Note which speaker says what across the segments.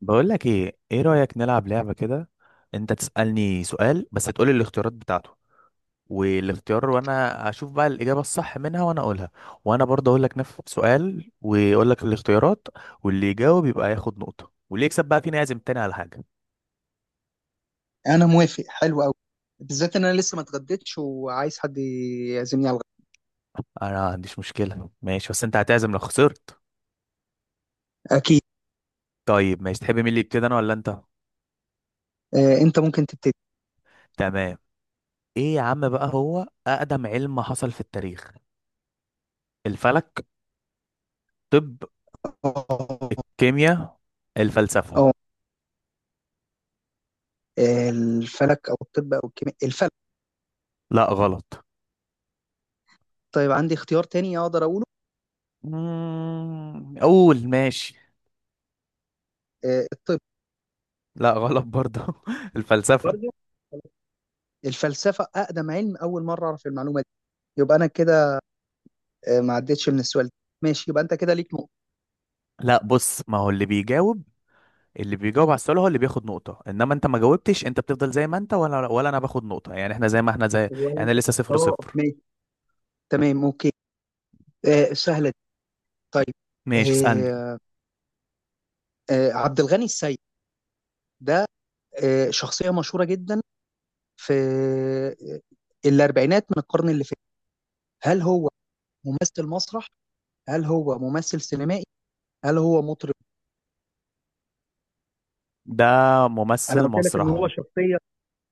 Speaker 1: بقول لك، ايه رأيك نلعب لعبة كده؟ انت تسألني سؤال، بس تقولي الاختيارات بتاعته والاختيار، وانا اشوف بقى الإجابة الصح منها وانا اقولها. وانا برضه اقول لك نفس السؤال واقول لك الاختيارات، واللي يجاوب يبقى ياخد نقطة، واللي يكسب بقى فينا يعزم تاني على حاجة.
Speaker 2: انا موافق، حلو قوي. بالذات ان انا لسه ما اتغديتش وعايز حد يعزمني على الغدا.
Speaker 1: انا ما عنديش مشكلة، ماشي، بس انت هتعزم لو خسرت.
Speaker 2: اكيد.
Speaker 1: طيب ماشي، تحب مين اللي يبتدي، انا ولا انت؟
Speaker 2: انت ممكن تبتدي.
Speaker 1: تمام. ايه يا عم بقى هو اقدم علم حصل في التاريخ؟ الفلك؟ طب
Speaker 2: اه،
Speaker 1: الكيمياء؟ الفلسفة؟
Speaker 2: آه، الفلك او الطب او الكيمياء، الفلك.
Speaker 1: لا غلط.
Speaker 2: طيب، عندي اختيار تاني اقدر اقوله.
Speaker 1: قول ماشي.
Speaker 2: الطب.
Speaker 1: لا غلط برضه الفلسفة.
Speaker 2: برضه، الفلسفه اقدم علم، اول مره اعرف المعلومه دي. يبقى انا كده ما عدتش من السؤال ده. ماشي، يبقى انت كده ليك نقطه.
Speaker 1: لا بص، ما هو اللي بيجاوب، اللي بيجاوب على السؤال هو اللي بياخد نقطة، انما انت ما جاوبتش، انت بتفضل زي ما انت، ولا انا باخد نقطة، يعني احنا زي ما احنا زي.
Speaker 2: ولا
Speaker 1: يعني
Speaker 2: انت.
Speaker 1: لسه صفر
Speaker 2: اه،
Speaker 1: صفر.
Speaker 2: ماشي. تمام، اوكي. سهله دي. طيب.
Speaker 1: ماشي، اسألني.
Speaker 2: آه، عبد الغني السيد، ده شخصيه مشهوره جدا في الاربعينات من القرن اللي فات. هل هو ممثل مسرح؟ هل هو ممثل سينمائي؟ هل هو مطرب؟
Speaker 1: ده
Speaker 2: انا
Speaker 1: ممثل
Speaker 2: قلت لك ان
Speaker 1: مسرح.
Speaker 2: هو شخصيه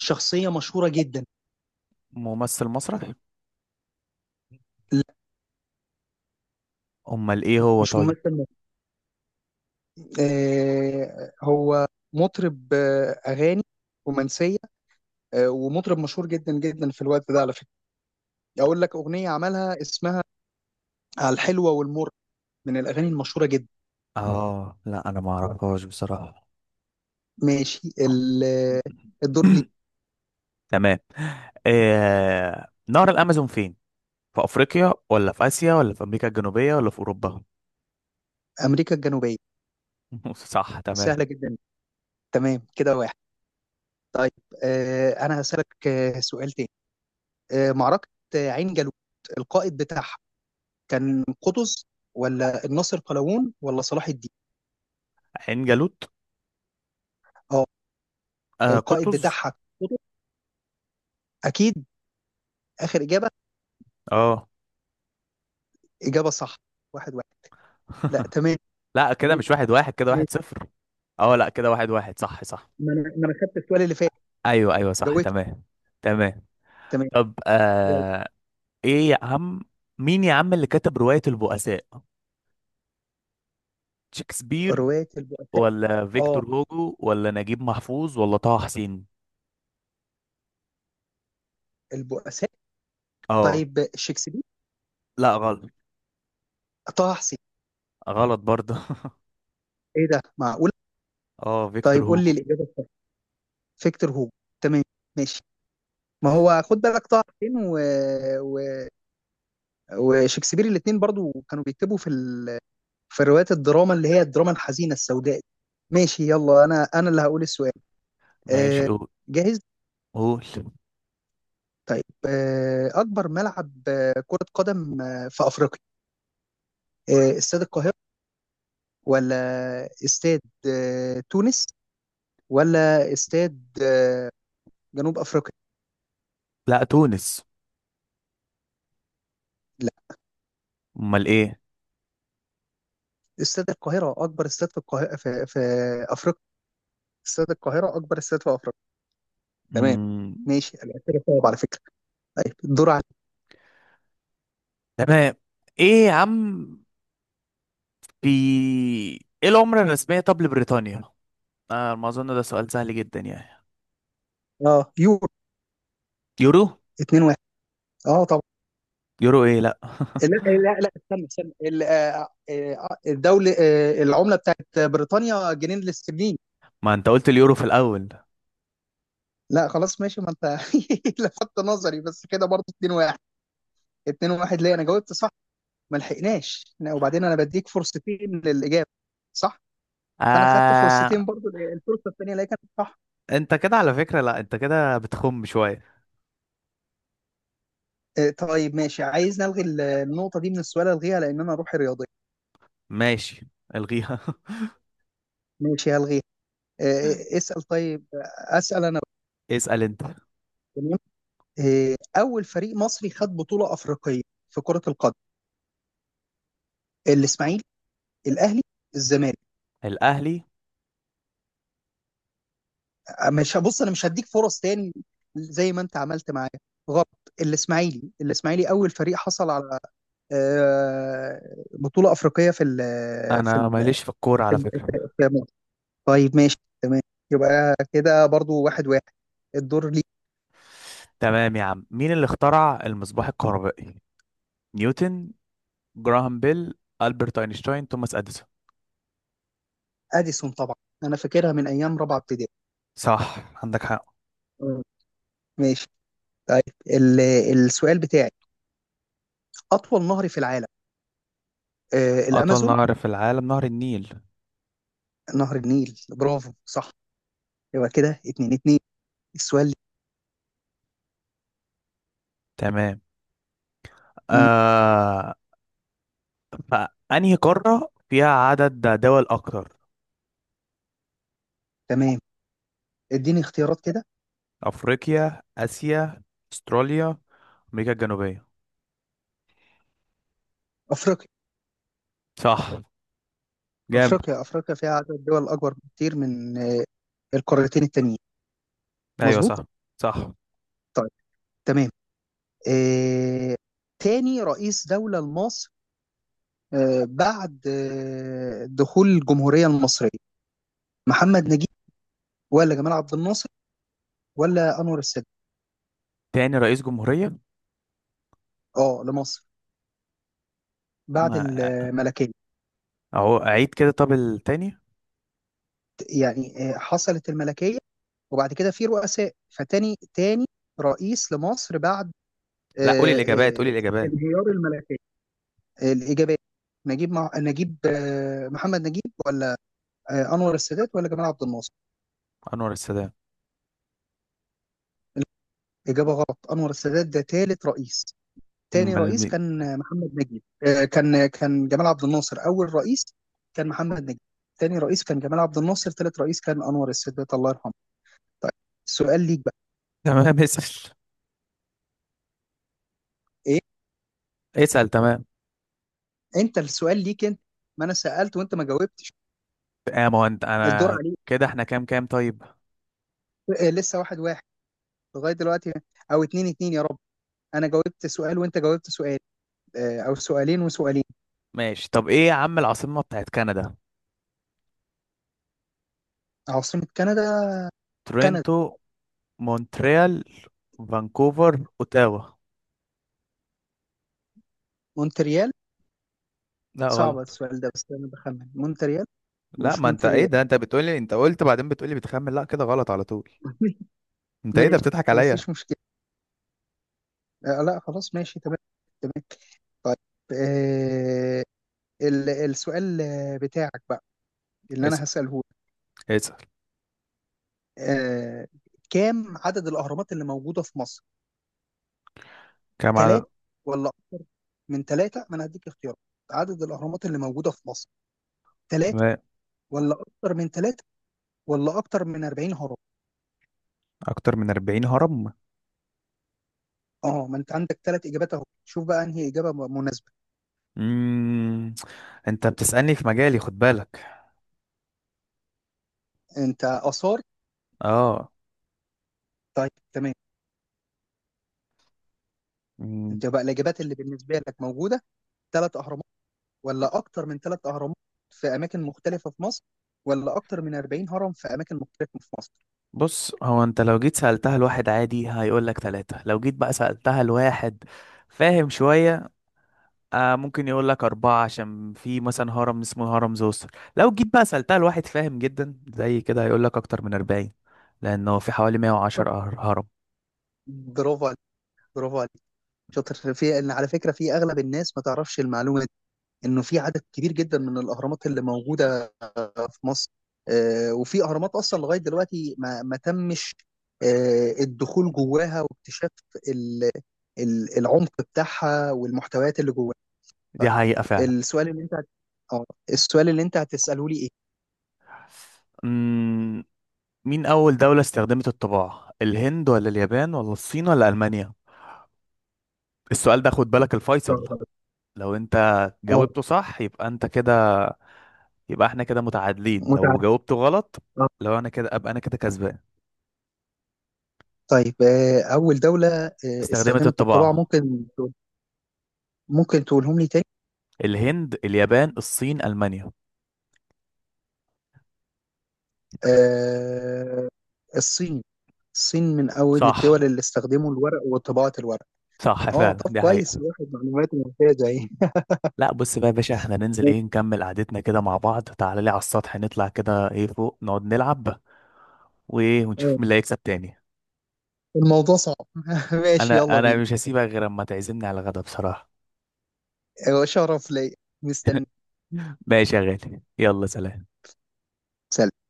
Speaker 2: شخصيه مشهوره جدا.
Speaker 1: ممثل مسرح.
Speaker 2: لا،
Speaker 1: امال ايه هو
Speaker 2: مش
Speaker 1: طيب؟
Speaker 2: ممثل مسرح. هو مطرب. اغاني رومانسيه. ومطرب مشهور جدا جدا في الوقت ده، على فكره. اقول لك اغنيه عملها، اسمها "على الحلوه والمر"، من الاغاني المشهوره جدا.
Speaker 1: اه لا، انا ما اعرفهاش بصراحة.
Speaker 2: ماشي. الدور لي.
Speaker 1: تمام. نهر الامازون فين؟ في افريقيا، ولا في اسيا، ولا في امريكا الجنوبيه، ولا في اوروبا؟
Speaker 2: امريكا الجنوبيه.
Speaker 1: صح،
Speaker 2: سهله
Speaker 1: تمام.
Speaker 2: جدا. تمام كده، واحد. طيب، انا هسألك سؤال تاني. معركة عين جالوت، القائد بتاعها كان قطز، ولا الناصر قلاوون، ولا صلاح الدين؟
Speaker 1: عين جالوت.
Speaker 2: اه، القائد
Speaker 1: قطز.
Speaker 2: بتاعها كان قطز، اكيد. اخر اجابة،
Speaker 1: اه
Speaker 2: اجابة صح. 1-1. لا، تمام.
Speaker 1: لا، كده
Speaker 2: تمام،
Speaker 1: مش واحد واحد، كده
Speaker 2: ماشي.
Speaker 1: واحد صفر. اه لا، كده واحد واحد، صح صح.
Speaker 2: ما انا خدت السؤال اللي فات،
Speaker 1: ايوه ايوه، صح
Speaker 2: جاوبت.
Speaker 1: تمام. تمام.
Speaker 2: تمام،
Speaker 1: طب
Speaker 2: يلا.
Speaker 1: آه ايه يا عم، مين يا عم اللي كتب روايه البؤساء؟ شكسبير؟
Speaker 2: رواية البؤساء.
Speaker 1: ولا
Speaker 2: اه،
Speaker 1: فيكتور هوجو، ولا نجيب محفوظ، ولا طه حسين؟
Speaker 2: البؤساء.
Speaker 1: اه.
Speaker 2: طيب، شكسبير.
Speaker 1: لا غلط.
Speaker 2: طه حسين.
Speaker 1: غلط برضه
Speaker 2: ايه ده، معقول؟
Speaker 1: اه فيكتور
Speaker 2: طيب، قول لي
Speaker 1: هوجو.
Speaker 2: الاجابة الصح. فيكتور هوجو. تمام، ماشي. ما هو خد بالك طه حسين و... و... وشكسبير الاثنين برضو كانوا بيكتبوا في في روايات الدراما، اللي هي الدراما الحزينه السوداء. ماشي، يلا. انا اللي هقول السؤال.
Speaker 1: ماشي،
Speaker 2: آه،
Speaker 1: قول
Speaker 2: جاهز.
Speaker 1: قول
Speaker 2: طيب، اكبر ملعب كره قدم في افريقيا: استاد القاهره، ولا استاد تونس، ولا استاد جنوب افريقيا؟
Speaker 1: لا تونس.
Speaker 2: لا.
Speaker 1: امال ايه؟
Speaker 2: استاد القاهره اكبر استاد في القاهره، في افريقيا. استاد القاهره اكبر استاد في افريقيا. تمام،
Speaker 1: مم.
Speaker 2: ماشي. أنا كده صعب، على فكره. طيب، الدور على.
Speaker 1: تمام. ايه يا عم، في ايه العملة الرسمية طب لبريطانيا؟ ما اظن ده سؤال سهل جدا يعني.
Speaker 2: اه، يورو.
Speaker 1: يورو؟
Speaker 2: 2-1. اه، طبعا.
Speaker 1: يورو ايه لا
Speaker 2: لا، لا، لا، استنى، استنى، ال- آه، آه، آه، الدولة آه، العملة بتاعت بريطانيا جنيه الاسترليني.
Speaker 1: ما انت قلت اليورو في الاول.
Speaker 2: لا، خلاص، ماشي. ما انت لفت نظري بس كده، برضه 2-1. 2-1 ليه؟ انا جاوبت صح. ما لحقناش. لا، وبعدين انا بديك فرصتين للإجابة. صح. فانا خدت
Speaker 1: آه
Speaker 2: فرصتين برضه، الفرصة الثانية اللي هي كانت صح.
Speaker 1: انت كده على فكرة، لا انت كده بتخم شوية.
Speaker 2: طيب، ماشي. عايز نلغي النقطة دي من السؤال، الغيها، لان انا روحي رياضية.
Speaker 1: ماشي، الغيها
Speaker 2: ماشي، هلغيها. اسأل طيب. أسأل أنا.
Speaker 1: اسأل انت.
Speaker 2: تمام. أول فريق مصري خد بطولة أفريقية في كرة القدم؟ الإسماعيلي، الأهلي، الزمالك.
Speaker 1: الاهلي.
Speaker 2: مش، بص، أنا مش هديك فرص تاني زي ما أنت عملت معايا. غلط. الإسماعيلي. الإسماعيلي أول فريق حصل على آه، بطولة أفريقية في ال في
Speaker 1: انا
Speaker 2: ال
Speaker 1: ماليش في الكورة
Speaker 2: في
Speaker 1: على فكرة.
Speaker 2: في مصر. طيب، ماشي، تمام. يبقى كده برضو 1-1. الدور ليه.
Speaker 1: تمام يا عم، مين اللي اخترع المصباح الكهربائي؟ نيوتن؟ جراهام بيل؟ ألبرت أينشتاين؟ توماس أديسون؟
Speaker 2: أديسون، طبعا. أنا فاكرها من أيام رابعة ابتدائي.
Speaker 1: صح، عندك حق.
Speaker 2: مم. ماشي. طيب، ال- السؤال بتاعي: أطول نهر في العالم؟
Speaker 1: أطول
Speaker 2: الأمازون.
Speaker 1: نهر في العالم نهر النيل.
Speaker 2: نهر النيل، برافو، صح. يبقى كده 2-2. السؤال لي.
Speaker 1: تمام
Speaker 2: مم،
Speaker 1: آه فأنهي قارة فيها عدد دول أكتر؟
Speaker 2: تمام. اديني اختيارات كده.
Speaker 1: أفريقيا؟ آسيا؟ أستراليا؟ أمريكا الجنوبية؟
Speaker 2: أفريقيا.
Speaker 1: صح، جاب.
Speaker 2: أفريقيا فيها عدد دول أكبر بكتير من القارتين التانيين.
Speaker 1: أيوة
Speaker 2: مظبوط.
Speaker 1: صح. صح.
Speaker 2: طيب، تمام. آه تاني رئيس دولة لمصر، بعد دخول الجمهورية المصرية: محمد نجيب، ولا جمال عبد الناصر، ولا أنور السادات؟
Speaker 1: تاني رئيس جمهورية.
Speaker 2: اه، لمصر بعد
Speaker 1: ما
Speaker 2: الملكية.
Speaker 1: أهو، أعيد كده طب التاني.
Speaker 2: يعني حصلت الملكية وبعد كده في رؤساء، فتاني رئيس لمصر بعد
Speaker 1: لا قولي
Speaker 2: آه،
Speaker 1: الإجابات، قولي
Speaker 2: آه،
Speaker 1: الإجابات.
Speaker 2: انهيار الملكية. الإجابات: نجيب، محمد نجيب، ولا أنور السادات، ولا جمال عبد الناصر.
Speaker 1: أنور السادات.
Speaker 2: إجابة غلط، أنور السادات ده ثالث رئيس. تاني
Speaker 1: أمال
Speaker 2: رئيس
Speaker 1: مين؟
Speaker 2: كان محمد نجيب. كان جمال عبد الناصر أول رئيس. كان محمد نجيب تاني رئيس، كان جمال عبد الناصر ثالث رئيس، كان أنور السادات، الله يرحمه. طيب، السؤال ليك بقى.
Speaker 1: تمام، اسأل.
Speaker 2: إيه؟
Speaker 1: اسأل، تمام.
Speaker 2: انت السؤال ليك انت، ما انا سالت وانت ما جاوبتش.
Speaker 1: ما هو أنت
Speaker 2: الدور
Speaker 1: أنا.
Speaker 2: عليك.
Speaker 1: كده احنا كام كام طيب؟
Speaker 2: لسه 1-1 لغايه دلوقتي، او 2-2 يا رب. انا جاوبت سؤال وانت جاوبت سؤال، او سؤالين وسؤالين.
Speaker 1: ماشي، طب ايه يا عم، العاصمة بتاعت كندا؟
Speaker 2: عاصمه كندا. كندا.
Speaker 1: تورنتو؟ مونتريال؟ فانكوفر؟ اوتاوا؟
Speaker 2: مونتريال.
Speaker 1: لا
Speaker 2: صعب
Speaker 1: غلط.
Speaker 2: السؤال ده، بس انا بخمن مونتريال.
Speaker 1: لا
Speaker 2: مش
Speaker 1: ما انت ايه
Speaker 2: مونتريال.
Speaker 1: ده، انت بتقولي، انت قلت بعدين بتقولي بتخمن، لا كده غلط على طول. انت ايه ده
Speaker 2: ماشي،
Speaker 1: بتضحك عليا؟
Speaker 2: مفيش مشكله. لا، خلاص، ماشي، تمام. تمام، طيب. آه السؤال بتاعك بقى، اللي انا
Speaker 1: اسأل،
Speaker 2: هساله لك.
Speaker 1: اسأل.
Speaker 2: آه كام عدد الاهرامات اللي موجوده في مصر؟
Speaker 1: كام
Speaker 2: ثلاث،
Speaker 1: عدد؟
Speaker 2: ولا أكتر من ثلاثة؟ ما أنا هديك اختيارات. عدد الأهرامات اللي موجودة في مصر: ثلاث،
Speaker 1: تمام.
Speaker 2: ولا أكتر من ثلاث، ولا أكتر من 40 هرم؟
Speaker 1: اكتر من 40 هرم.
Speaker 2: أه، ما أنت عندك ثلاث إجابات أهو، شوف بقى أنهي إجابة مناسبة.
Speaker 1: امم انت بتسألني في مجالي، خد بالك.
Speaker 2: أنت آثار.
Speaker 1: اه.
Speaker 2: طيب، تمام.
Speaker 1: مم.
Speaker 2: أنت بقى الإجابات اللي بالنسبة لك موجودة: ثلاث أهرامات، ولا أكتر من ثلاث أهرامات في أماكن مختلفة في مصر، ولا أكتر من 40 هرم في أماكن مختلفة في مصر.
Speaker 1: بص، هو انت لو جيت سألتها لواحد عادي هيقول لك ثلاثة، لو جيت بقى سألتها لواحد فاهم شوية ممكن يقول لك أربعة، عشان في مثلا هرم اسمه هرم زوسر. لو جيت بقى سألتها لواحد فاهم جدا زي كده هيقول لك أكتر من 40، لأنه في حوالي 110 هرم.
Speaker 2: برافو عليك، برافو عليك. شاطر. في، ان على فكرة، في أغلب الناس ما تعرفش المعلومة انه في عدد كبير جدا من الاهرامات اللي موجوده في مصر، وفي اهرامات اصلا لغايه دلوقتي ما تمش الدخول جواها، واكتشاف ال- العمق بتاعها والمحتويات اللي جواها.
Speaker 1: دي
Speaker 2: طيب،
Speaker 1: حقيقة فعلا.
Speaker 2: السؤال اللي انت هت- اه السؤال اللي انت هتساله لي ايه؟
Speaker 1: أمم، مين أول دولة استخدمت الطباعة؟ الهند، ولا اليابان، ولا الصين، ولا ألمانيا؟ السؤال ده خد بالك الفيصل.
Speaker 2: استغرب.
Speaker 1: لو أنت
Speaker 2: اه،
Speaker 1: جاوبته صح يبقى أنت كده، يبقى احنا كده متعادلين، لو
Speaker 2: متعب.
Speaker 1: جاوبته غلط
Speaker 2: اه،
Speaker 1: لو أنا كده أبقى أنا كده كسبان.
Speaker 2: طيب، اول دوله
Speaker 1: استخدمت
Speaker 2: استخدمت الطباعه؟
Speaker 1: الطباعة.
Speaker 2: ممكن، ممكن تقولهم لي تاني؟
Speaker 1: الهند، اليابان، الصين، ألمانيا.
Speaker 2: آه الصين. الصين من أول
Speaker 1: صح.
Speaker 2: الدول اللي استخدموا الورق وطباعة الورق.
Speaker 1: صح
Speaker 2: اه،
Speaker 1: فعلا،
Speaker 2: طب
Speaker 1: دي
Speaker 2: كويس،
Speaker 1: حقيقة.
Speaker 2: الواحد معلوماته ممتازة اهي.
Speaker 1: لا بص بقى يا باشا، احنا ننزل ايه، نكمل قعدتنا كده مع بعض، تعالى لي على السطح، نطلع كده ايه فوق نقعد نلعب وايه،
Speaker 2: آه،
Speaker 1: ونشوف مين اللي هيكسب تاني.
Speaker 2: الموضوع صعب. ماشي،
Speaker 1: انا
Speaker 2: يلا
Speaker 1: انا
Speaker 2: بينا.
Speaker 1: مش هسيبك غير اما تعزمني على الغدا بصراحة.
Speaker 2: شرف ليا، مستني.
Speaker 1: ماشي يا غالي، يلا سلام.
Speaker 2: سلام.